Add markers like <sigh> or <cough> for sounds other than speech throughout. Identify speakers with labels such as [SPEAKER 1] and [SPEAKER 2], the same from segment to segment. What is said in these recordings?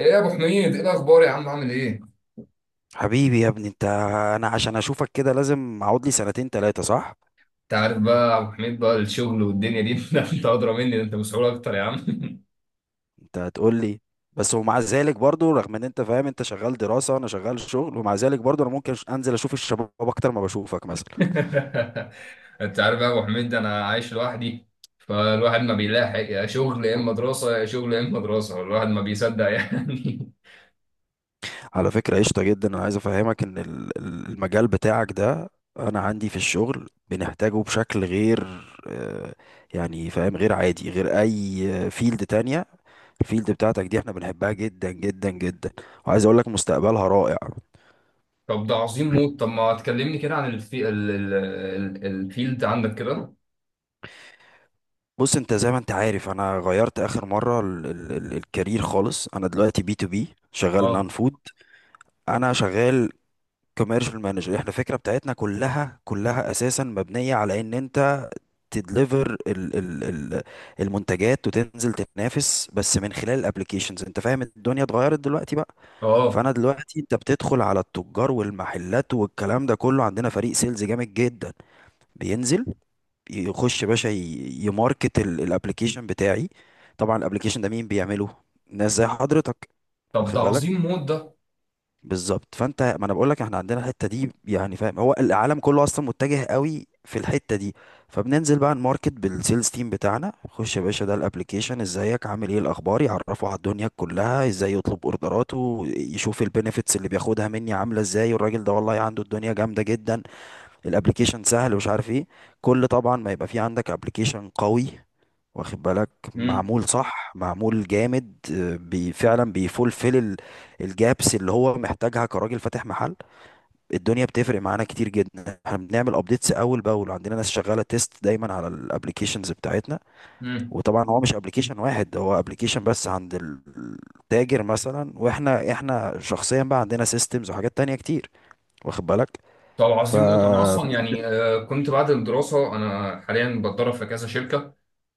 [SPEAKER 1] ايه يا ابو حميد، ايه الاخبار يا عم، عامل ايه؟
[SPEAKER 2] حبيبي يا ابني انت. انا عشان اشوفك كده لازم اقعد لي سنتين تلاتة صح؟
[SPEAKER 1] انت عارف بقى يا ابو حميد، بقى الشغل والدنيا دي <laughs> ده انت ادرى مني، ده انت مسؤول اكتر يا عم.
[SPEAKER 2] انت هتقول لي. بس ومع ذلك برضو رغم ان انت فاهم انت شغال دراسة وانا شغال شغل ومع ذلك برضو انا ممكن انزل اشوف الشباب اكتر ما بشوفك مثلا.
[SPEAKER 1] <laughs> انت عارف بقى يا ابو حميد، انا عايش لوحدي، فالواحد ما بيلاحق، يا شغل يا اما دراسه، يا شغل يا اما دراسه، الواحد ما بيصدق يعني.
[SPEAKER 2] على فكرة قشطة جدا، انا عايز افهمك ان المجال بتاعك ده انا عندي في الشغل بنحتاجه بشكل غير، آه، يعني فاهم، غير عادي، غير اي فيلد تانية. الفيلد بتاعتك دي احنا بنحبها جدا جدا جدا، وعايز اقول لك مستقبلها رائع.
[SPEAKER 1] <laughs> طب ده عظيم موت، طب ما تكلمني كده عن الفيلد عندك كده.
[SPEAKER 2] بص انت زي ما انت عارف انا غيرت اخر مره ال ال ال الكارير خالص. انا دلوقتي بي تو بي شغال
[SPEAKER 1] اه.
[SPEAKER 2] نون فود. انا شغال كوميرشال مانجر. احنا الفكره بتاعتنا كلها كلها اساسا مبنيه على ان انت تدليفر ال ال ال المنتجات وتنزل تنافس بس من خلال الابليكيشنز. انت فاهم الدنيا اتغيرت دلوقتي بقى.
[SPEAKER 1] اه.
[SPEAKER 2] فانا دلوقتي انت بتدخل على التجار والمحلات والكلام ده كله، عندنا فريق سيلز جامد جدا بينزل يخش يا باشا يماركت الابلكيشن بتاعي. طبعا الابلكيشن ده مين بيعمله؟ ناس زي حضرتك،
[SPEAKER 1] طب ده
[SPEAKER 2] واخد
[SPEAKER 1] عظيم
[SPEAKER 2] بالك؟
[SPEAKER 1] موت ده.
[SPEAKER 2] بالظبط. فانت ما انا بقول لك احنا عندنا الحته دي، يعني فاهم، هو العالم كله اصلا متجه قوي في الحته دي. فبننزل بقى نماركت بالسيلز تيم بتاعنا، خش يا باشا ده الابلكيشن، ازيك عامل ايه الاخبار، يعرفه على الدنيا كلها ازاي يطلب اوردراته، يشوف البينيفيتس اللي بياخدها مني عامله ازاي، والراجل ده والله عنده الدنيا جامده جدا. الابليكيشن سهل ومش عارف ايه. كل طبعا ما يبقى في عندك ابليكيشن قوي، واخد بالك، معمول صح معمول جامد، بي فعلا بيفولفل الجابس اللي هو محتاجها كراجل فاتح محل. الدنيا بتفرق معانا كتير جدا، احنا بنعمل ابديتس اول باول، عندنا ناس شغاله تيست دايما على الابليكيشنز بتاعتنا.
[SPEAKER 1] امم.
[SPEAKER 2] وطبعا هو مش ابليكيشن واحد، هو ابليكيشن بس عند التاجر مثلا، واحنا شخصيا بقى عندنا سيستمز وحاجات تانية كتير، واخد بالك؟
[SPEAKER 1] طب عظيم موت، انا
[SPEAKER 2] فهي
[SPEAKER 1] اصلا يعني كنت بعد الدراسه انا حاليا بتدرب في كذا شركه،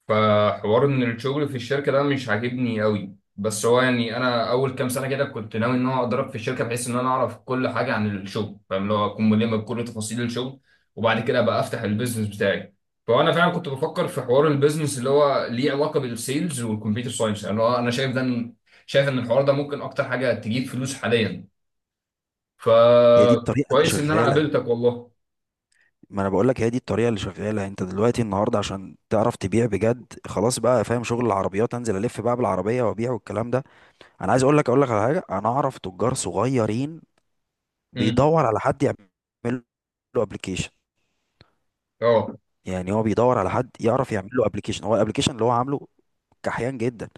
[SPEAKER 1] فحوار ان الشغل في الشركه ده مش عاجبني قوي، بس هو يعني انا اول كام سنه كده كنت ناوي ان انا اتدرب في الشركه بحيث ان انا اعرف كل حاجه عن الشغل، فاهم، اللي هو اكون ملم بكل تفاصيل الشغل، وبعد كده ابقى افتح البيزنس بتاعي. فانا فعلا كنت بفكر في حوار البيزنس اللي هو ليه علاقه بالسيلز والكمبيوتر ساينس، يعني هو انا شايف ده، شايف ان الحوار ده ممكن اكتر حاجه تجيب فلوس حاليا.
[SPEAKER 2] دي الطريقه اللي
[SPEAKER 1] فكويس ان انا
[SPEAKER 2] شغاله،
[SPEAKER 1] قابلتك والله.
[SPEAKER 2] ما انا بقول لك هي دي الطريقه اللي شغاله. انت دلوقتي النهارده عشان تعرف تبيع بجد خلاص بقى فاهم شغل العربيات، انزل الف بقى بالعربيه وابيع والكلام ده. انا عايز اقول لك على حاجه. انا اعرف تجار صغيرين
[SPEAKER 1] امم.
[SPEAKER 2] بيدور على حد يعمل له ابلكيشن.
[SPEAKER 1] اه.
[SPEAKER 2] يعني هو بيدور على حد يعرف يعمل له ابلكيشن. هو الابلكيشن اللي هو عامله كحيان جدا،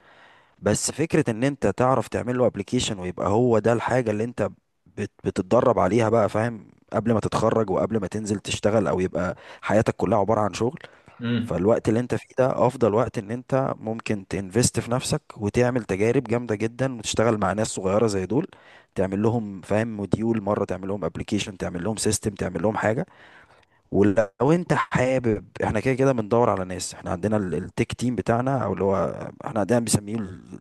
[SPEAKER 2] بس فكره ان انت تعرف تعمل له ابلكيشن ويبقى هو ده الحاجه اللي انت بتتدرب عليها بقى، فاهم، قبل ما تتخرج وقبل ما تنزل تشتغل، او يبقى حياتك كلها عباره عن شغل.
[SPEAKER 1] امم.
[SPEAKER 2] فالوقت اللي انت فيه ده افضل وقت ان انت ممكن تنفست في نفسك وتعمل تجارب جامده جدا وتشتغل مع ناس صغيره زي دول. تعمل لهم، فاهم، موديول مره، تعمل لهم ابلكيشن، تعمل لهم سيستم، تعمل لهم حاجه. ولو انت حابب، احنا كده كده بندور على ناس. احنا عندنا التك تيم بتاعنا، او اللي هو احنا عندنا بنسميه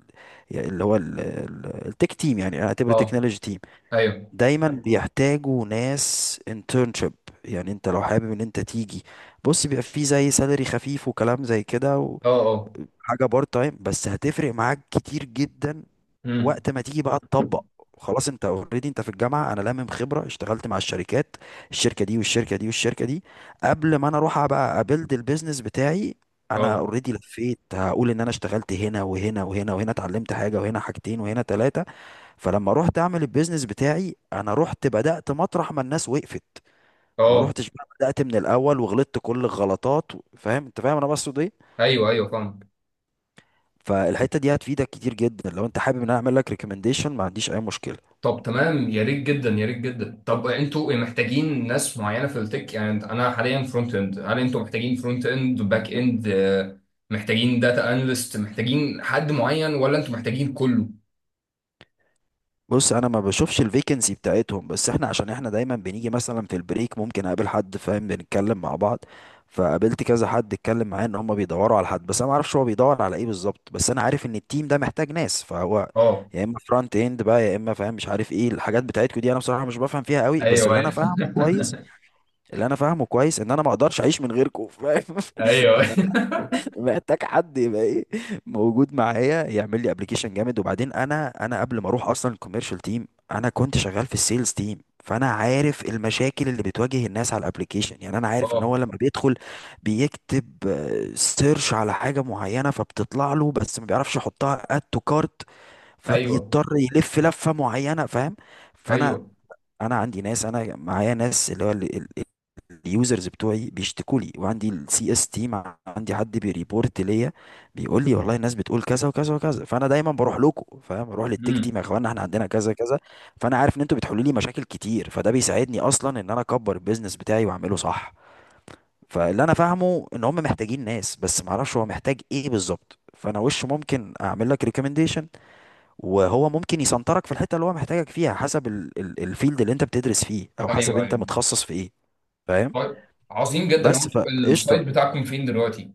[SPEAKER 2] يعني اللي هو التك تيم، يعني اعتبر
[SPEAKER 1] اه.
[SPEAKER 2] تكنولوجي تيم،
[SPEAKER 1] ايوه.
[SPEAKER 2] دايما بيحتاجوا ناس internship. يعني انت لو حابب ان انت تيجي، بص بيبقى فيه زي سالري خفيف وكلام زي كده،
[SPEAKER 1] اه. اه.
[SPEAKER 2] وحاجة بارت تايم، بس هتفرق معاك كتير جدا
[SPEAKER 1] امم.
[SPEAKER 2] وقت ما تيجي بقى تطبق. خلاص انت اوريدي انت في الجامعة، انا لامم خبرة، اشتغلت مع الشركات الشركة دي والشركة دي والشركة دي. قبل ما انا اروح بقى ابيلد البيزنس بتاعي، انا
[SPEAKER 1] اه.
[SPEAKER 2] اوريدي لفيت، هقول ان انا اشتغلت هنا وهنا وهنا وهنا، اتعلمت حاجة وهنا حاجتين وهنا ثلاثة. فلما رحت اعمل البيزنس بتاعي، انا رحت بدأت مطرح ما الناس وقفت، ما
[SPEAKER 1] اه.
[SPEAKER 2] رحتش بقى بدأت من الاول وغلطت كل الغلطات فاهم، انت فاهم انا بقصد ايه.
[SPEAKER 1] ايوه، ايوه فاهم.
[SPEAKER 2] فالحته دي هتفيدك كتير جدا. لو انت حابب ان انا اعمل لك ريكومنديشن ما عنديش اي مشكله.
[SPEAKER 1] طب تمام، يا ريت جدا، يا ريت جدا. طب انتوا محتاجين ناس معينه في التك، يعني انا حاليا فرونت اند، هل انتوا محتاجين فرونت اند باك اند، محتاجين داتا اناليست، محتاجين حد معين، ولا انتوا محتاجين كله؟
[SPEAKER 2] بص انا ما بشوفش الفيكنسي بتاعتهم، بس احنا عشان احنا دايما بنيجي مثلا في البريك، ممكن اقابل حد، فاهم، بنتكلم مع بعض. فقابلت كذا حد اتكلم معاه ان هم بيدوروا على حد، بس انا ما اعرفش هو بيدور على ايه بالظبط، بس انا عارف ان التيم ده محتاج ناس. فهو
[SPEAKER 1] اه.
[SPEAKER 2] يا اما فرونت اند بقى يا اما فاهم مش عارف ايه الحاجات بتاعتكم دي. انا بصراحة مش بفهم فيها قوي، بس
[SPEAKER 1] ايوه، ايوه. <laughs>
[SPEAKER 2] اللي انا فاهمه كويس ان انا ما اقدرش اعيش من غيركم، فاهم. <laughs>
[SPEAKER 1] ايوه.
[SPEAKER 2] انا محتاج حد يبقى ايه، موجود معايا يعمل لي ابلكيشن جامد. وبعدين انا قبل ما اروح اصلا الكوميرشال تيم انا كنت شغال في السيلز تيم. فانا عارف المشاكل اللي بتواجه الناس على الابلكيشن. يعني انا عارف ان
[SPEAKER 1] اه.
[SPEAKER 2] هو لما بيدخل بيكتب سيرش على حاجه معينه فبتطلع له، بس ما بيعرفش يحطها اد تو كارت،
[SPEAKER 1] ايوه،
[SPEAKER 2] فبيضطر يلف لفه معينه، فاهم. فانا
[SPEAKER 1] ايوه.
[SPEAKER 2] انا عندي ناس، انا معايا ناس، اللي هو اليوزرز بتوعي بيشتكوا لي، وعندي السي اس تيم، عندي حد بيريبورت ليا، بيقول لي والله الناس بتقول كذا وكذا وكذا. فانا دايما بروح لكم، فاهم، بروح للتك تيم، يا
[SPEAKER 1] امم.
[SPEAKER 2] اخوان احنا عندنا كذا كذا. فانا عارف ان انتوا بتحلوا لي مشاكل كتير، فده بيساعدني اصلا ان انا اكبر البيزنس بتاعي واعمله صح. فاللي انا فاهمه ان هم محتاجين ناس، بس ما اعرفش هو محتاج ايه بالظبط. فانا وش ممكن اعمل لك ريكومنديشن وهو ممكن يسنطرك في الحته اللي هو محتاجك فيها، حسب الفيلد اللي انت بتدرس فيه او حسب
[SPEAKER 1] ايوه،
[SPEAKER 2] انت
[SPEAKER 1] ايوه.
[SPEAKER 2] متخصص في ايه، فاهم،
[SPEAKER 1] طيب، عظيم جدا، هو
[SPEAKER 2] بس.
[SPEAKER 1] انتوا
[SPEAKER 2] فقشطه.
[SPEAKER 1] السايت بتاعكم فين دلوقتي؟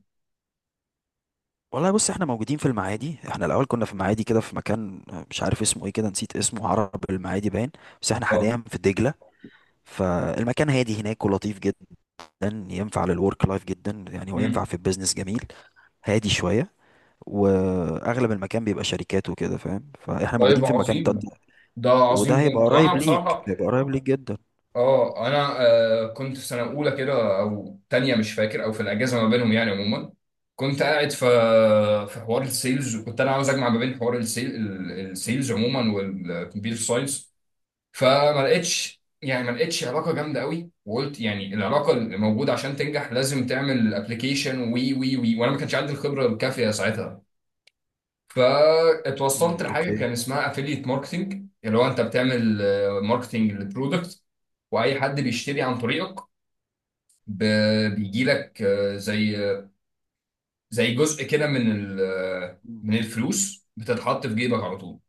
[SPEAKER 2] والله بص احنا موجودين في المعادي. احنا الاول كنا في المعادي كده في مكان، مش عارف اسمه ايه كده، نسيت اسمه، عرب المعادي باين، بس احنا
[SPEAKER 1] اه.
[SPEAKER 2] حاليا في دجله. فالمكان هادي هناك ولطيف جدا، ينفع للورك لايف جدا يعني، وينفع في البيزنس جميل، هادي شويه، واغلب المكان بيبقى شركات وكده، فاهم، فاحنا موجودين
[SPEAKER 1] طيب
[SPEAKER 2] في مكان
[SPEAKER 1] عظيم، ده
[SPEAKER 2] وده
[SPEAKER 1] عظيم
[SPEAKER 2] هيبقى
[SPEAKER 1] موت، وانا
[SPEAKER 2] قريب ليك،
[SPEAKER 1] بصراحه
[SPEAKER 2] هيبقى قريب ليك جدا.
[SPEAKER 1] اه، انا كنت في سنه اولى كده او تانية مش فاكر، او في الاجازه ما بينهم يعني عموما، كنت قاعد في في حوار السيلز، وكنت انا عاوز اجمع ما بين حوار السيلز عموما والكمبيوتر ساينس. فما لقيتش يعني ما لقيتش علاقه جامده قوي، وقلت يعني العلاقه اللي موجوده عشان تنجح لازم تعمل ابلكيشن وي وي وي وانا ما كانش عندي الخبره الكافيه ساعتها. فاتوصلت
[SPEAKER 2] امم،
[SPEAKER 1] لحاجه
[SPEAKER 2] اوكي.
[SPEAKER 1] كان اسمها افيليت ماركتنج، اللي هو انت بتعمل ماركتنج للبرودكت، واي حد بيشتري عن طريقك بيجي لك زي جزء كده من
[SPEAKER 2] مم.
[SPEAKER 1] من الفلوس بتتحط في جيبك على طول.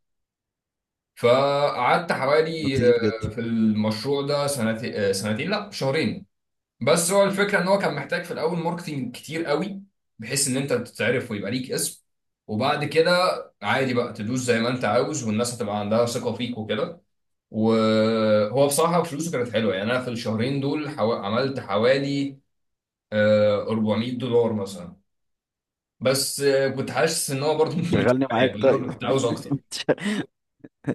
[SPEAKER 1] فقعدت حوالي
[SPEAKER 2] لطيف جدا.
[SPEAKER 1] في المشروع ده سنتين، سنتين لا شهرين. بس هو الفكره ان هو كان محتاج في الاول ماركتينج كتير قوي، بحيث ان انت تتعرف ويبقى ليك اسم، وبعد كده عادي بقى تدوس زي ما انت عاوز، والناس هتبقى عندها ثقه فيك وكده. وهو بصراحه فلوسه كانت حلوه، يعني انا في الشهرين دول عملت حوالي $400 مثلا، بس كنت حاسس ان هو برضه <laughs> مش
[SPEAKER 2] شغلني
[SPEAKER 1] كفايه،
[SPEAKER 2] معاك
[SPEAKER 1] لأن أنا
[SPEAKER 2] طيب.
[SPEAKER 1] كنت عاوز اكتر.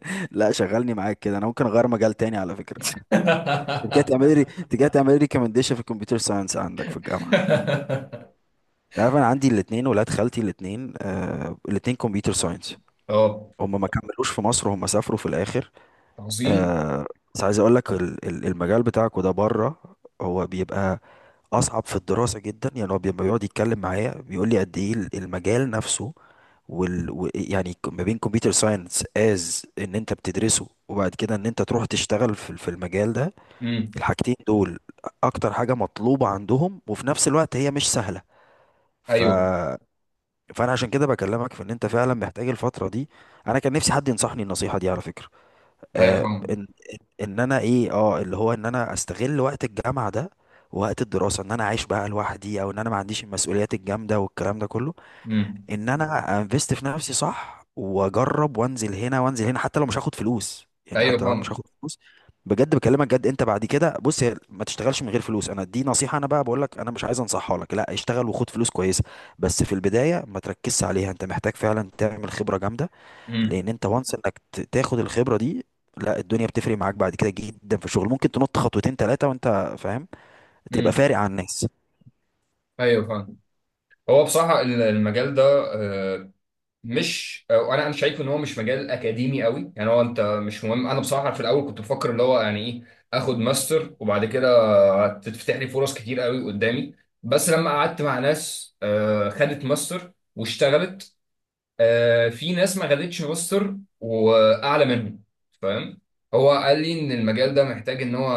[SPEAKER 2] <laughs> لا شغلني معاك كده، انا ممكن اغير مجال تاني على فكره. انت جاي تعمل لي ريكومنديشن في الكمبيوتر ساينس عندك في الجامعه. انت عارف انا عندي الاثنين ولاد خالتي الاثنين، الاثنين كمبيوتر ساينس،
[SPEAKER 1] <laughs> اه
[SPEAKER 2] هم ما كملوش في مصر، هم سافروا في الاخر.
[SPEAKER 1] عظيم.
[SPEAKER 2] آه. بس عايز اقول لك المجال بتاعك وده بره، هو بيبقى اصعب في الدراسه جدا، يعني هو بيبقى بيقعد يتكلم معايا بيقول لي قد ايه المجال نفسه يعني ما بين كمبيوتر ساينس از ان انت بتدرسه وبعد كده ان انت تروح تشتغل في في المجال ده،
[SPEAKER 1] امم.
[SPEAKER 2] الحاجتين دول اكتر حاجة مطلوبة عندهم وفي نفس الوقت هي مش سهلة. ف...
[SPEAKER 1] ايوه،
[SPEAKER 2] فانا عشان كده بكلمك في ان انت فعلا محتاج الفترة دي، انا كان نفسي حد ينصحني النصيحة دي على فكرة.
[SPEAKER 1] ايوه فاهم.
[SPEAKER 2] ان ان انا ايه اه اللي هو ان انا استغل وقت الجامعة ده، ووقت الدراسة ان انا عايش بقى لوحدي، او ان انا ما عنديش المسؤوليات الجامدة والكلام ده كله،
[SPEAKER 1] امم.
[SPEAKER 2] ان انا انفست في نفسي صح واجرب وانزل هنا وانزل هنا، حتى لو مش هاخد فلوس، يعني
[SPEAKER 1] ايوه
[SPEAKER 2] حتى لو انا مش
[SPEAKER 1] فاهم.
[SPEAKER 2] هاخد فلوس بجد. بكلمك جد، انت بعد كده بص هي ما تشتغلش من غير فلوس، انا دي نصيحة انا بقى بقول لك، انا مش عايز انصحها لك لا اشتغل وخد فلوس كويسة، بس في البداية ما تركزش عليها. انت محتاج فعلا تعمل خبرة جامدة لان انت وانس انك تاخد الخبرة دي. لا الدنيا بتفرق معاك بعد كده جدا، في الشغل ممكن تنط خطوتين ثلاثة وانت فاهم، تبقى
[SPEAKER 1] امم.
[SPEAKER 2] فارق عن الناس.
[SPEAKER 1] ايوه فاهم. هو بصراحه المجال ده آه، مش انا شايف ان هو مش مجال اكاديمي قوي، يعني هو انت مش مهم، انا بصراحه في الاول كنت بفكر اللي هو يعني ايه، اخد ماستر وبعد كده تتفتح لي فرص كتير قوي قدامي. بس لما قعدت مع ناس خدت ماستر واشتغلت، في ناس ما خدتش روستر واعلى منه، فاهم. هو قال لي ان المجال ده
[SPEAKER 2] مم.
[SPEAKER 1] محتاج ان هو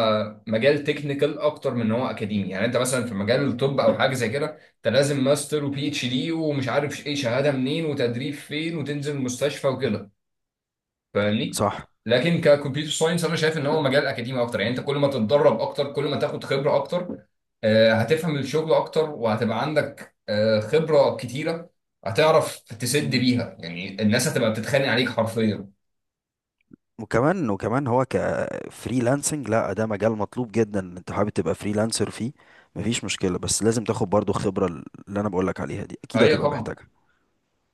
[SPEAKER 1] مجال تكنيكال اكتر من ان هو اكاديمي. يعني انت مثلا في مجال الطب او حاجه زي كده، انت لازم ماستر وبي اتش دي، ومش عارف ايه شهاده منين، وتدريب فين، وتنزل المستشفى وكده، فاهمني.
[SPEAKER 2] صح.
[SPEAKER 1] لكن ككمبيوتر ساينس انا شايف ان هو مجال اكاديمي اكتر، يعني انت كل ما تتدرب اكتر كل ما تاخد خبره اكتر، هتفهم الشغل اكتر، وهتبقى عندك خبره كتيره، هتعرف تسد بيها. يعني الناس هتبقى بتتخانق عليك حرفيا.
[SPEAKER 2] وكمان هو كفريلانسنج لا ده مجال مطلوب جدا، انت حابب تبقى فريلانسر فيه مفيش مشكلة، بس لازم تاخد برضو خبرة اللي انا بقولك عليها دي اكيد
[SPEAKER 1] ايوه
[SPEAKER 2] هتبقى
[SPEAKER 1] طبعا.
[SPEAKER 2] محتاجها.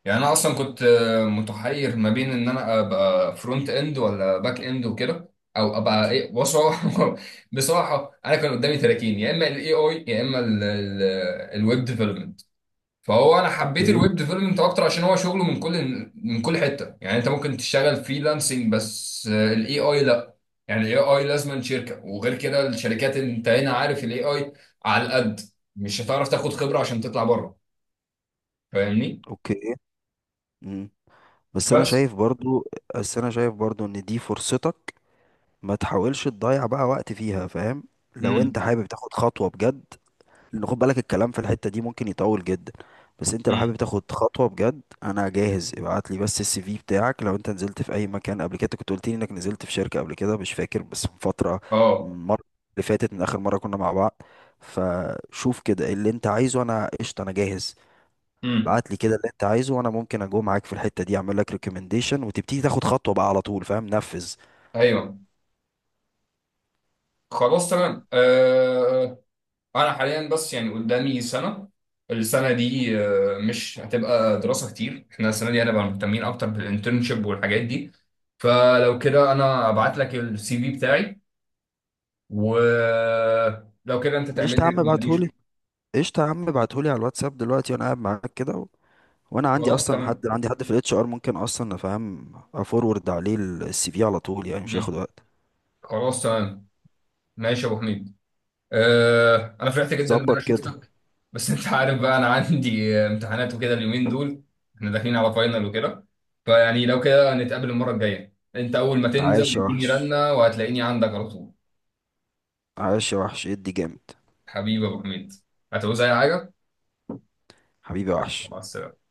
[SPEAKER 1] يعني انا اصلا كنت متحير ما بين ان انا ابقى فرونت اند ولا باك اند وكده، او ابقى ايه بصراحه. <laughs> بصراحه انا كان قدامي 30، يا اما الاي اي يا اما الويب ديفلوبمنت، فهو انا حبيت
[SPEAKER 2] اوكي.
[SPEAKER 1] الويب ديفلوبمنت اكتر عشان هو شغله من كل حته. يعني انت ممكن تشتغل فريلانسنج بس الاي اي لا. يعني الاي اي لازم شركه، وغير كده الشركات انت هنا عارف الاي اي على القد، مش هتعرف تاخد خبره عشان تطلع بره، فاهمني.
[SPEAKER 2] اوكي. مم. بس انا
[SPEAKER 1] بس.
[SPEAKER 2] شايف برضو بس انا شايف برضو ان دي فرصتك، ما تحاولش تضيع بقى وقت فيها، فاهم، لو انت
[SPEAKER 1] امم.
[SPEAKER 2] حابب تاخد خطوة بجد، لأن خد بالك الكلام في الحتة دي ممكن يطول جدا. بس انت لو
[SPEAKER 1] امم.
[SPEAKER 2] حابب تاخد خطوة بجد انا جاهز. ابعت لي بس السي في بتاعك، لو انت نزلت في اي مكان قبل كده، أنت كنت قلت لي انك نزلت في شركة قبل كده، مش فاكر بس من فترة،
[SPEAKER 1] اه.
[SPEAKER 2] المرة اللي فاتت من اخر مرة كنا مع بعض. فشوف كده إيه اللي انت عايزه، انا قشطة، انا جاهز.
[SPEAKER 1] امم.
[SPEAKER 2] ابعت لي كده اللي انت عايزه وانا ممكن اجو معاك في الحتة دي، اعمل لك ريكومنديشن وتبتدي تاخد خطوة بقى على طول، فاهم، نفذ.
[SPEAKER 1] ايوه، خلاص تمام. انا حاليا بس يعني قدامي سنه، السنه دي مش هتبقى دراسه كتير، احنا السنه دي هنبقى مهتمين اكتر بالانترنشيب والحاجات دي، فلو كده انا ابعت لك السي في بتاعي، ولو كده انت تعمل
[SPEAKER 2] قشطة يا
[SPEAKER 1] لي
[SPEAKER 2] عم
[SPEAKER 1] ريكومنديشن.
[SPEAKER 2] ابعتهولي. قشطة يا عم ابعتهولي على الواتساب دلوقتي وانا قاعد معاك كده. وانا عندي
[SPEAKER 1] خلاص
[SPEAKER 2] اصلا حد،
[SPEAKER 1] تمام.
[SPEAKER 2] عندي حد في الاتش ار ممكن اصلا افهم افورورد عليه السي في على طول، يعني مش هياخد
[SPEAKER 1] مم.
[SPEAKER 2] وقت.
[SPEAKER 1] خلاص تمام. ماشي يا ابو حميد، انا فرحت
[SPEAKER 2] طب
[SPEAKER 1] جدا
[SPEAKER 2] ظبط
[SPEAKER 1] ان انا
[SPEAKER 2] جميل كده.
[SPEAKER 1] شفتك، بس انت عارف بقى انا عندي امتحانات وكده اليومين دول، احنا داخلين على فاينل وكده، فيعني لو كده نتقابل المره الجايه، انت اول ما
[SPEAKER 2] جميل،
[SPEAKER 1] تنزل
[SPEAKER 2] عايش يا
[SPEAKER 1] اديني
[SPEAKER 2] وحش.
[SPEAKER 1] رنه وهتلاقيني عندك على طول.
[SPEAKER 2] عايش يا وحش ادي جامد.
[SPEAKER 1] حبيبي يا ابو حميد، هتعوز اي حاجه؟
[SPEAKER 2] حبيبي يا وحش.
[SPEAKER 1] مع السلامه.